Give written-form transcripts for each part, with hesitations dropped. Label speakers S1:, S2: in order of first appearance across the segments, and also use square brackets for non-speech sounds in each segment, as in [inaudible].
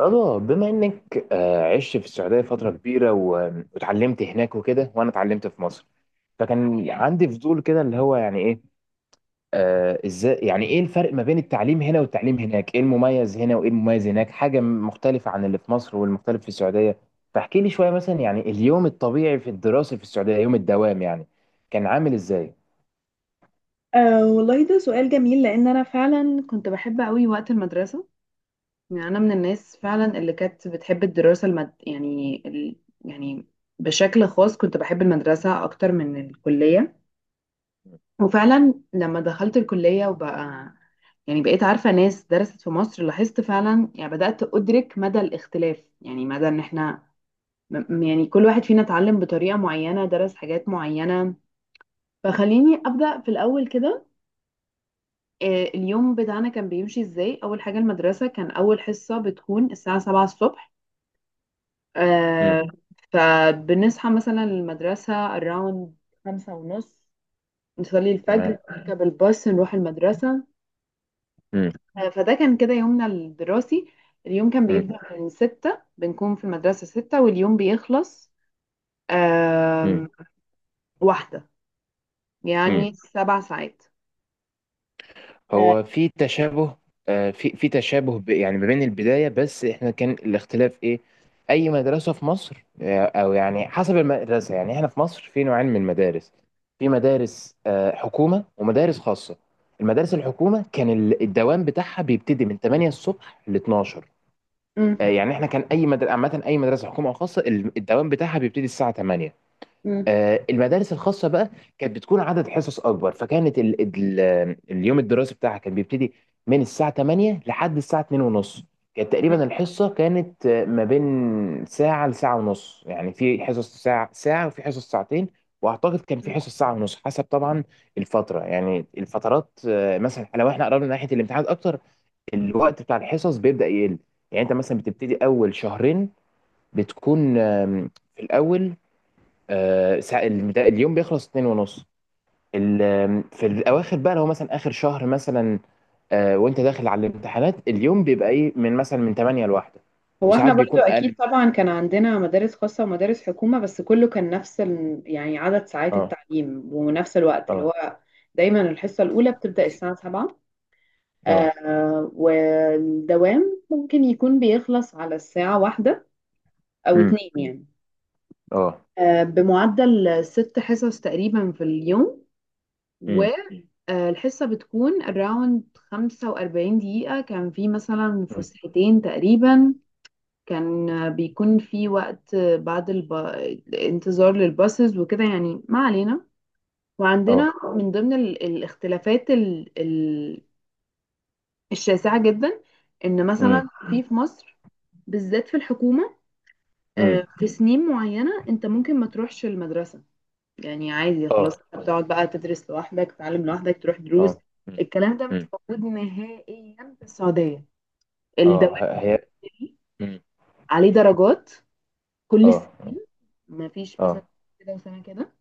S1: رضا، بما انك عشت في السعوديه فتره كبيره و- واتعلمت هناك وكده، وانا اتعلمت في مصر. فكان عندي فضول كده، اللي هو يعني ايه. ازاي، يعني ايه الفرق ما بين التعليم هنا والتعليم هناك، ايه المميز هنا وايه المميز هناك، حاجه مختلفه عن اللي في مصر والمختلف في السعوديه. فاحكي لي شويه مثلا، يعني اليوم الطبيعي في الدراسه في السعوديه، يوم الدوام يعني كان عامل ازاي؟
S2: والله ده سؤال جميل، لأن أنا فعلا كنت بحب أوي وقت المدرسة. يعني أنا من الناس فعلا اللي كانت بتحب الدراسة يعني بشكل خاص كنت بحب المدرسة أكتر من الكلية. وفعلا لما دخلت الكلية وبقى يعني بقيت عارفة ناس درست في مصر، لاحظت فعلا يعني بدأت أدرك مدى الاختلاف، يعني مدى إن إحنا يعني كل واحد فينا اتعلم بطريقة معينة درس حاجات معينة. فخليني أبدأ في الأول كده. آه، اليوم بتاعنا كان بيمشي ازاي؟ اول حاجه المدرسه كان اول حصه بتكون الساعه 7 الصبح.
S1: امم.
S2: آه، فبنصحى مثلا المدرسه اراوند 5:30، نصلي الفجر،
S1: تمام.
S2: نركب الباص، نروح المدرسه.
S1: امم.
S2: فده كان كده يومنا الدراسي. اليوم كان
S1: امم.
S2: بيبدأ من 6، بنكون في المدرسة 6، واليوم بيخلص آم، 1،
S1: امم.
S2: يعني 7 ساعات. آه.
S1: هو في تشابه. في تشابه، يعني ما بين البداية، بس احنا كان الاختلاف ايه؟ اي مدرسة في مصر، او يعني حسب المدرسة، يعني احنا في مصر في نوعين من المدارس. في مدارس حكومة ومدارس خاصة. المدارس الحكومة كان الدوام بتاعها بيبتدي من 8 الصبح ل 12.
S2: مم.
S1: يعني احنا كان اي مدرسة عامة، اي مدرسة حكومة او خاصة، الدوام بتاعها بيبتدي الساعة 8.
S2: مم.
S1: المدارس الخاصة بقى كانت بتكون عدد حصص أكبر، فكانت ال اليوم الدراسي بتاعها كان بيبتدي من الساعة 8 لحد الساعة 2 ونص. كانت
S2: مم.
S1: تقريبا الحصة كانت ما بين ساعة لساعة ونص، يعني في حصص ساعة ساعة وفي حصص ساعتين. وأعتقد كان في حصص ساعة ونص، حسب طبعا الفترة، يعني الفترات، مثلا لو احنا قربنا ناحية الامتحانات أكتر، الوقت بتاع الحصص بيبدأ يقل. يعني أنت مثلا بتبتدي أول شهرين بتكون في الأول اليوم بيخلص اتنين ونص. في الاواخر بقى، لو مثلا اخر شهر مثلا، وانت داخل على الامتحانات، اليوم بيبقى ايه، من مثلا من 8 لواحدة.
S2: هو احنا
S1: وساعات
S2: برضو
S1: بيكون
S2: اكيد
S1: اقل.
S2: طبعا كان عندنا مدارس خاصة ومدارس حكومة بس كله كان نفس ال... يعني عدد ساعات
S1: اه.
S2: التعليم ونفس الوقت اللي
S1: اه.
S2: هو دايما الحصة الاولى بتبدأ الساعة 7
S1: اه.
S2: آه والدوام ممكن يكون بيخلص على الساعة 1 او
S1: امم.
S2: 2 يعني
S1: اه.
S2: آه بمعدل 6 حصص تقريبا في اليوم
S1: امم.
S2: والحصة بتكون around 45 دقيقة كان في مثلا
S1: أمم.
S2: فسحتين تقريبا كان بيكون في وقت بعد الب... الانتظار للباصز وكده يعني ما علينا وعندنا
S1: اه.
S2: من ضمن ال... الاختلافات ال... ال... الشاسعة جدا ان
S1: امم.
S2: مثلا في في مصر بالذات في الحكومة
S1: أمم.
S2: آه، في سنين معينة انت ممكن ما تروحش المدرسة يعني عادي
S1: اه.
S2: خلاص انت بتقعد بقى تدرس لوحدك تتعلم لوحدك تروح دروس
S1: اه. أمم.
S2: الكلام ده مش
S1: أمم.
S2: موجود نهائيا في السعودية الدوام
S1: اه. هي. أمم.
S2: عليه
S1: أمم.
S2: درجات كل
S1: اه.
S2: السنين ما فيش مثلا
S1: اه.
S2: كده وسنة كده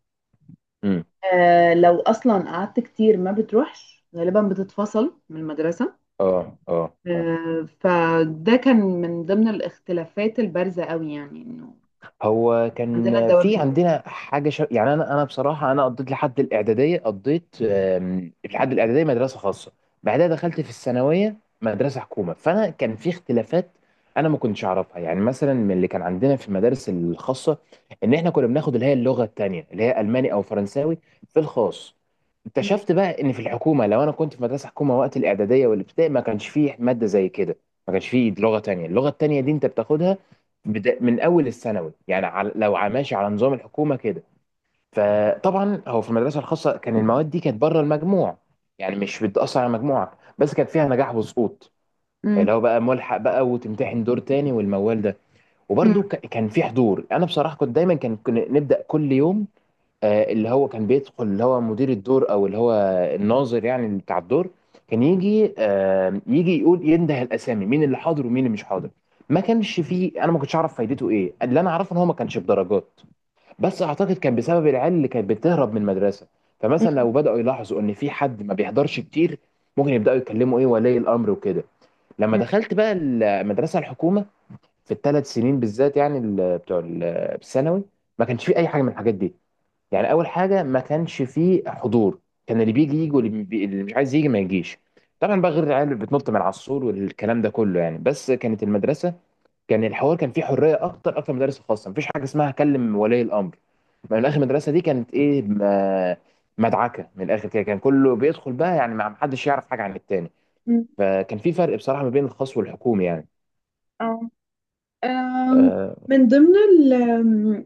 S1: أمم.
S2: آه لو اصلا قعدت كتير ما بتروحش غالبا بتتفصل من المدرسة
S1: اه. أمم. اه. اه.
S2: آه فده كان من ضمن الاختلافات البارزة قوي يعني انه
S1: هو كان
S2: عندنا الدوام
S1: في
S2: اجباري
S1: عندنا حاجه يعني انا بصراحه انا قضيت لحد الاعداديه، قضيت لحد الاعداديه مدرسه خاصه. بعدها دخلت في الثانويه مدرسه حكومه، فانا كان في اختلافات انا ما كنتش اعرفها، يعني مثلا من اللي كان عندنا في المدارس الخاصه ان احنا كنا بناخد اللي هي اللغه التانيه، اللي هي الماني او فرنساوي، في الخاص.
S2: مم.
S1: اكتشفت بقى ان في الحكومه، لو انا كنت في مدرسه حكومه وقت الاعداديه والابتدائي، ما كانش فيه ماده زي كده. ما كانش فيه لغه تانيه. اللغه التانيه دي انت بتاخدها بدا من اول الثانوي، يعني على لو ماشي على نظام الحكومه كده. فطبعا هو في المدرسه الخاصه، كان المواد دي كانت بره المجموع، يعني مش بتاثر على مجموعك، بس كانت فيها نجاح وسقوط، اللي
S2: مم.
S1: هو بقى ملحق بقى وتمتحن دور تاني والموال ده.
S2: مم.
S1: وبرده كان في حضور. انا بصراحه كنت دايما، كنا نبدا كل يوم اللي هو كان بيدخل اللي هو مدير الدور او اللي هو الناظر، يعني اللي بتاع الدور. كان يجي يقول ينده الاسامي مين اللي حاضر ومين اللي مش حاضر. ما كانش فيه، انا ما كنتش اعرف فايدته ايه. اللي انا اعرفه ان هو ما كانش بدرجات، بس اعتقد كان بسبب العيال اللي كانت بتهرب من المدرسه. فمثلا لو بداوا يلاحظوا ان في حد ما بيحضرش كتير، ممكن يبداوا يتكلموا ايه ولي الامر وكده. لما
S2: مم.
S1: دخلت بقى المدرسه الحكومه، في الثلاث سنين بالذات، يعني بتوع الثانوي، ما كانش في اي حاجه من الحاجات دي. يعني اول حاجه، ما كانش فيه حضور. كان اللي بيجي يجي، واللي اللي مش عايز يجي ما يجيش. طبعا بقى غير العيال اللي بتنط من على السور والكلام ده كله، يعني بس كانت المدرسه، كان الحوار كان فيه حريه اكتر اكتر من المدارس الخاصه، مفيش حاجه اسمها كلم ولي الامر. من الاخر، المدرسه دي كانت ايه، مدعكه من الاخر كده، كان كله بيدخل بقى، يعني ما حدش يعرف حاجه عن التاني.
S2: مم.
S1: فكان في فرق بصراحه ما بين الخاص والحكومي يعني.
S2: آه. آم،
S1: آه.
S2: من ضمن ال آم،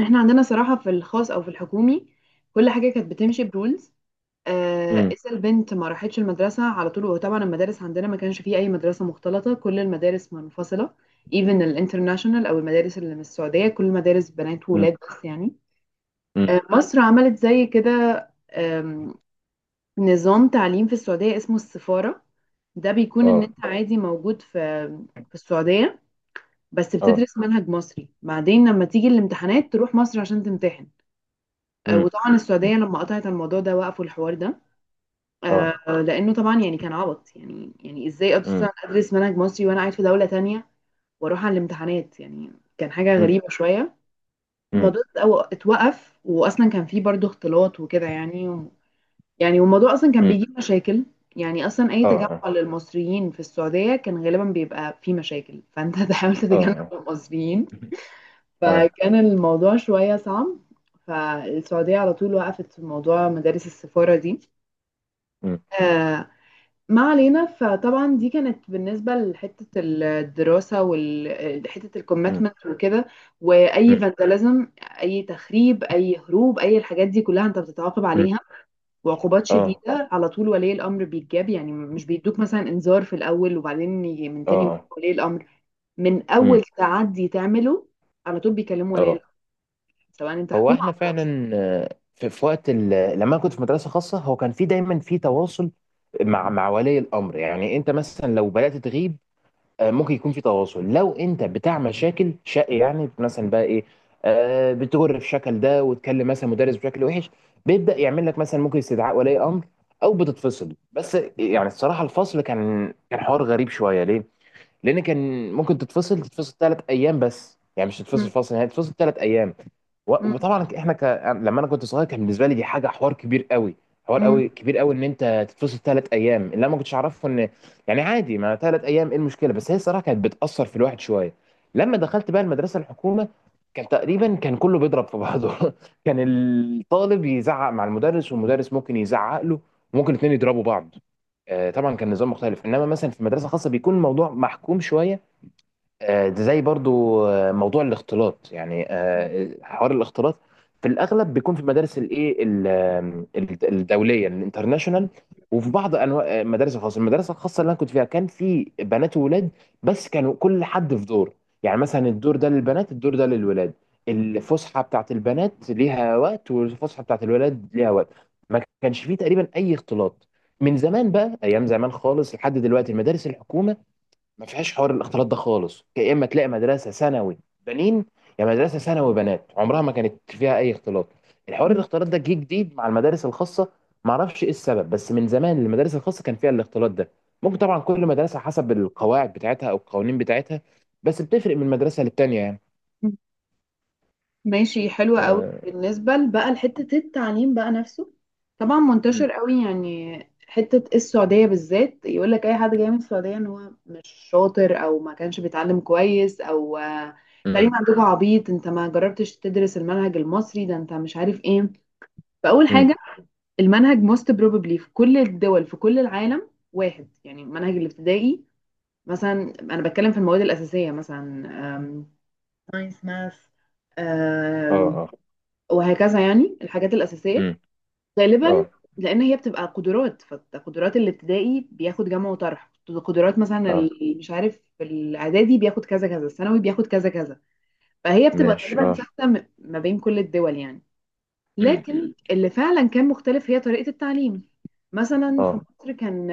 S2: احنا عندنا صراحة في الخاص او في الحكومي كل حاجة كانت بتمشي برولز.
S1: امم.
S2: إذا البنت ما راحتش المدرسة على طول. وهو طبعا المدارس عندنا ما كانش فيه أي مدرسة مختلطة، كل المدارس منفصلة، even الانترناشونال أو المدارس اللي من السعودية، كل مدارس بنات
S1: امم.
S2: وولاد بس يعني.
S1: امم.
S2: مصر عملت زي كده. آم، نظام تعليم في السعودية اسمه السفارة. ده بيكون إن
S1: اه.
S2: أنت عادي موجود في السعودية، بس
S1: اه.
S2: بتدرس منهج مصري، بعدين لما تيجي الامتحانات تروح مصر عشان تمتحن.
S1: امم.
S2: وطبعا
S1: امم.
S2: السعودية لما قطعت الموضوع ده وقفوا الحوار ده.
S1: اه.
S2: آه لانه طبعا يعني كان عبط، يعني ازاي ادرس
S1: امم.
S2: ادرس منهج مصري وانا قاعد في دوله تانية واروح على الامتحانات؟ يعني كان حاجه
S1: امم.
S2: غريبه شويه.
S1: امم.
S2: الموضوع اتوقف، واصلا كان فيه برضو اختلاط وكده، يعني يعني والموضوع اصلا كان
S1: امم.
S2: بيجيب مشاكل. يعني اصلا اي
S1: اه.
S2: تجمع
S1: آه.
S2: للمصريين في السعوديه كان غالبا بيبقى فيه مشاكل، فانت [laughs] تحاول تتجنب
S1: اه.
S2: المصريين.
S1: اه.
S2: فكان الموضوع شويه صعب. فالسعوديه على طول وقفت في موضوع مدارس السفاره دي.
S1: مم.
S2: آه، ما علينا. فطبعا دي كانت بالنسبة لحتة الدراسة وحتة
S1: مم.
S2: الكوميتمنت وكده، وأي
S1: مم.
S2: فانداليزم، أي تخريب، أي هروب، أي الحاجات دي كلها أنت بتتعاقب
S1: مم.
S2: عليها. وعقوبات
S1: اه.
S2: شديدة على طول، ولي الأمر بيتجاب، يعني مش بيدوك مثلا إنذار في الأول وبعدين يجي من
S1: اه.
S2: تاني مرة
S1: اه.
S2: ولي الأمر. من
S1: مم.
S2: أول تعدي تعمله، على طول بيكلموا ولي
S1: اه.
S2: الأمر، سواء أنت
S1: هو
S2: حكومة
S1: احنا
S2: أو خاص.
S1: فعلا، في وقت لما انا كنت في مدرسه خاصه، هو كان في دايما في تواصل مع ولي الامر. يعني انت مثلا لو بدات تغيب، ممكن يكون في تواصل. لو انت بتاع مشاكل شق، يعني مثلا بقى ايه، بتجر في شكل ده وتكلم مثلا مدرس بشكل وحش، بيبدا يعمل لك مثلا ممكن استدعاء ولي امر، او بتتفصل. بس يعني الصراحه، الفصل كان حوار غريب شويه، ليه؟ لان كان ممكن تتفصل ثلاث ايام، بس يعني مش تتفصل
S2: م-
S1: فصل، يعني تتفصل ثلاث ايام. و-
S2: م-
S1: وطبعا احنا لما انا كنت صغير كان بالنسبه لي دي حاجه حوار كبير قوي، حوار
S2: م-
S1: قوي كبير قوي، ان انت تتفصل ثلاث ايام. اللي انا ما كنتش اعرفه ان يعني عادي، ما ثلاث ايام ايه المشكله، بس هي الصراحه كانت بتاثر في الواحد شويه. لما دخلت بقى المدرسه الحكومه، كان تقريبا كان كله بيضرب في بعضه [laughs] كان الطالب يزعق مع المدرس، والمدرس ممكن يزعق له، وممكن الاثنين يضربوا بعض. طبعا كان نظام مختلف، انما مثلا في مدرسه خاصه بيكون الموضوع محكوم شويه. زي برضو موضوع الاختلاط، يعني حوار الاختلاط، في الاغلب بيكون في المدارس الايه الدوليه، الانترناشونال، وفي بعض انواع المدارس الخاصه. المدرسه الخاصه اللي انا كنت فيها كان في بنات وولاد، بس كانوا كل حد في دور، يعني مثلا الدور ده للبنات، الدور ده للولاد. الفسحه بتاعت البنات ليها وقت، والفسحه بتاعت الولاد ليها وقت. ما كانش فيه تقريبا اي اختلاط. من زمان بقى، ايام زمان خالص لحد دلوقتي، المدارس الحكومه ما فيهاش حوار الاختلاط ده خالص. يا اما تلاقي مدرسه ثانوي بنين، يا مدرسه ثانوي بنات، عمرها ما كانت فيها اي اختلاط. الحوار الاختلاط ده جه جديد مع المدارس الخاصه. ما اعرفش ايه السبب، بس من زمان المدارس الخاصه كان فيها الاختلاط ده. ممكن طبعا كل مدرسه حسب القواعد بتاعتها او القوانين بتاعتها، بس بتفرق من مدرسه للتانيه يعني.
S2: م- ماشي. حلوة قوي.
S1: اه.
S2: بالنسبة بقى لحتة التعليم بقى نفسه، طبعا
S1: أمم.
S2: منتشر قوي يعني، حتة السعودية بالذات، يقول لك أي حد جاي من السعودية إن هو مش شاطر أو ما كانش بيتعلم كويس، أو
S1: أمم.
S2: التعليم عندكم عبيط، أنت ما جربتش تدرس المنهج المصري، ده أنت مش عارف إيه. فأول
S1: أمم.
S2: حاجة، المنهج most probably في كل الدول في كل العالم واحد، يعني المنهج الابتدائي مثلا، أنا بتكلم في المواد الأساسية مثلا، ساينس، ماث،
S1: اه. اه.
S2: وهكذا يعني الحاجات الأساسية،
S1: أمم.
S2: غالبا،
S1: اه.
S2: لأن هي بتبقى قدرات. فقدرات الابتدائي بياخد جمع وطرح، قدرات مثلا
S1: اه.
S2: مش عارف، الإعدادي بياخد كذا كذا، الثانوي بياخد كذا كذا. فهي بتبقى
S1: ماشي.
S2: غالبا
S1: اه.
S2: ثابتة ما بين كل الدول يعني.
S1: أمم. أمم.
S2: لكن اللي فعلا كان مختلف هي طريقة التعليم. مثلا في
S1: اه.
S2: مصر كان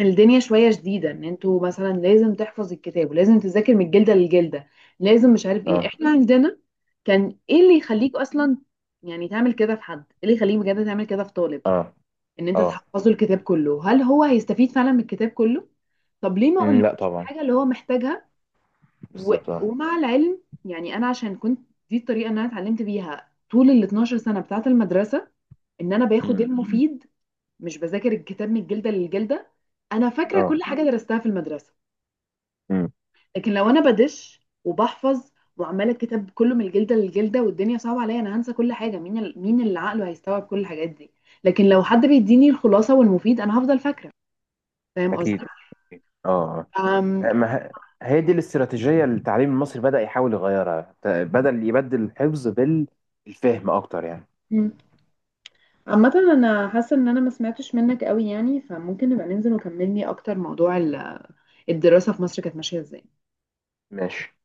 S2: الدنيا شوية شديدة، ان انتوا مثلا لازم تحفظ الكتاب ولازم تذاكر من الجلدة للجلدة، لازم مش عارف ايه.
S1: اه.
S2: احنا عندنا كان ايه اللي يخليك اصلا يعني تعمل كده في حد؟ ايه اللي يخليك بجد تعمل كده في طالب،
S1: اه.
S2: ان انت
S1: اه.
S2: تحفظه الكتاب كله؟ هل هو هيستفيد فعلا من الكتاب كله؟ طب ليه ما
S1: أمم. لا،
S2: اقولهوش
S1: طبعا.
S2: الحاجة اللي هو محتاجها؟ و...
S1: بالظبط. اه.
S2: ومع العلم، يعني انا عشان كنت، دي الطريقة اللي انا اتعلمت بيها طول ال 12 سنة بتاعة المدرسة، ان انا باخد
S1: أمم.
S2: المفيد، مش بذاكر الكتاب من الجلدة للجلدة. أنا فاكرة
S1: اه.
S2: كل حاجة درستها في المدرسة.
S1: مم.
S2: لكن لو أنا بدش وبحفظ وعمالة الكتاب كله من الجلدة للجلدة والدنيا صعبة عليا، أنا هنسى كل حاجة. مين مين اللي عقله هيستوعب كل الحاجات دي؟ لكن لو حد بيديني الخلاصة والمفيد أنا هفضل فاكرة. فاهم قصدي؟
S1: اكيد. أكيد. اه.
S2: أم...
S1: آه. ما ه- هي دي الاستراتيجيه اللي التعليم المصري بدا يحاول يغيرها، بدل يبدل الحفظ بالفهم اكتر يعني.
S2: م. عامة أنا حاسة إن أنا ما سمعتش منك قوي يعني، فممكن نبقى ننزل وكملني أكتر. موضوع الدراسة في مصر كانت ماشية إزاي؟
S1: ماشي.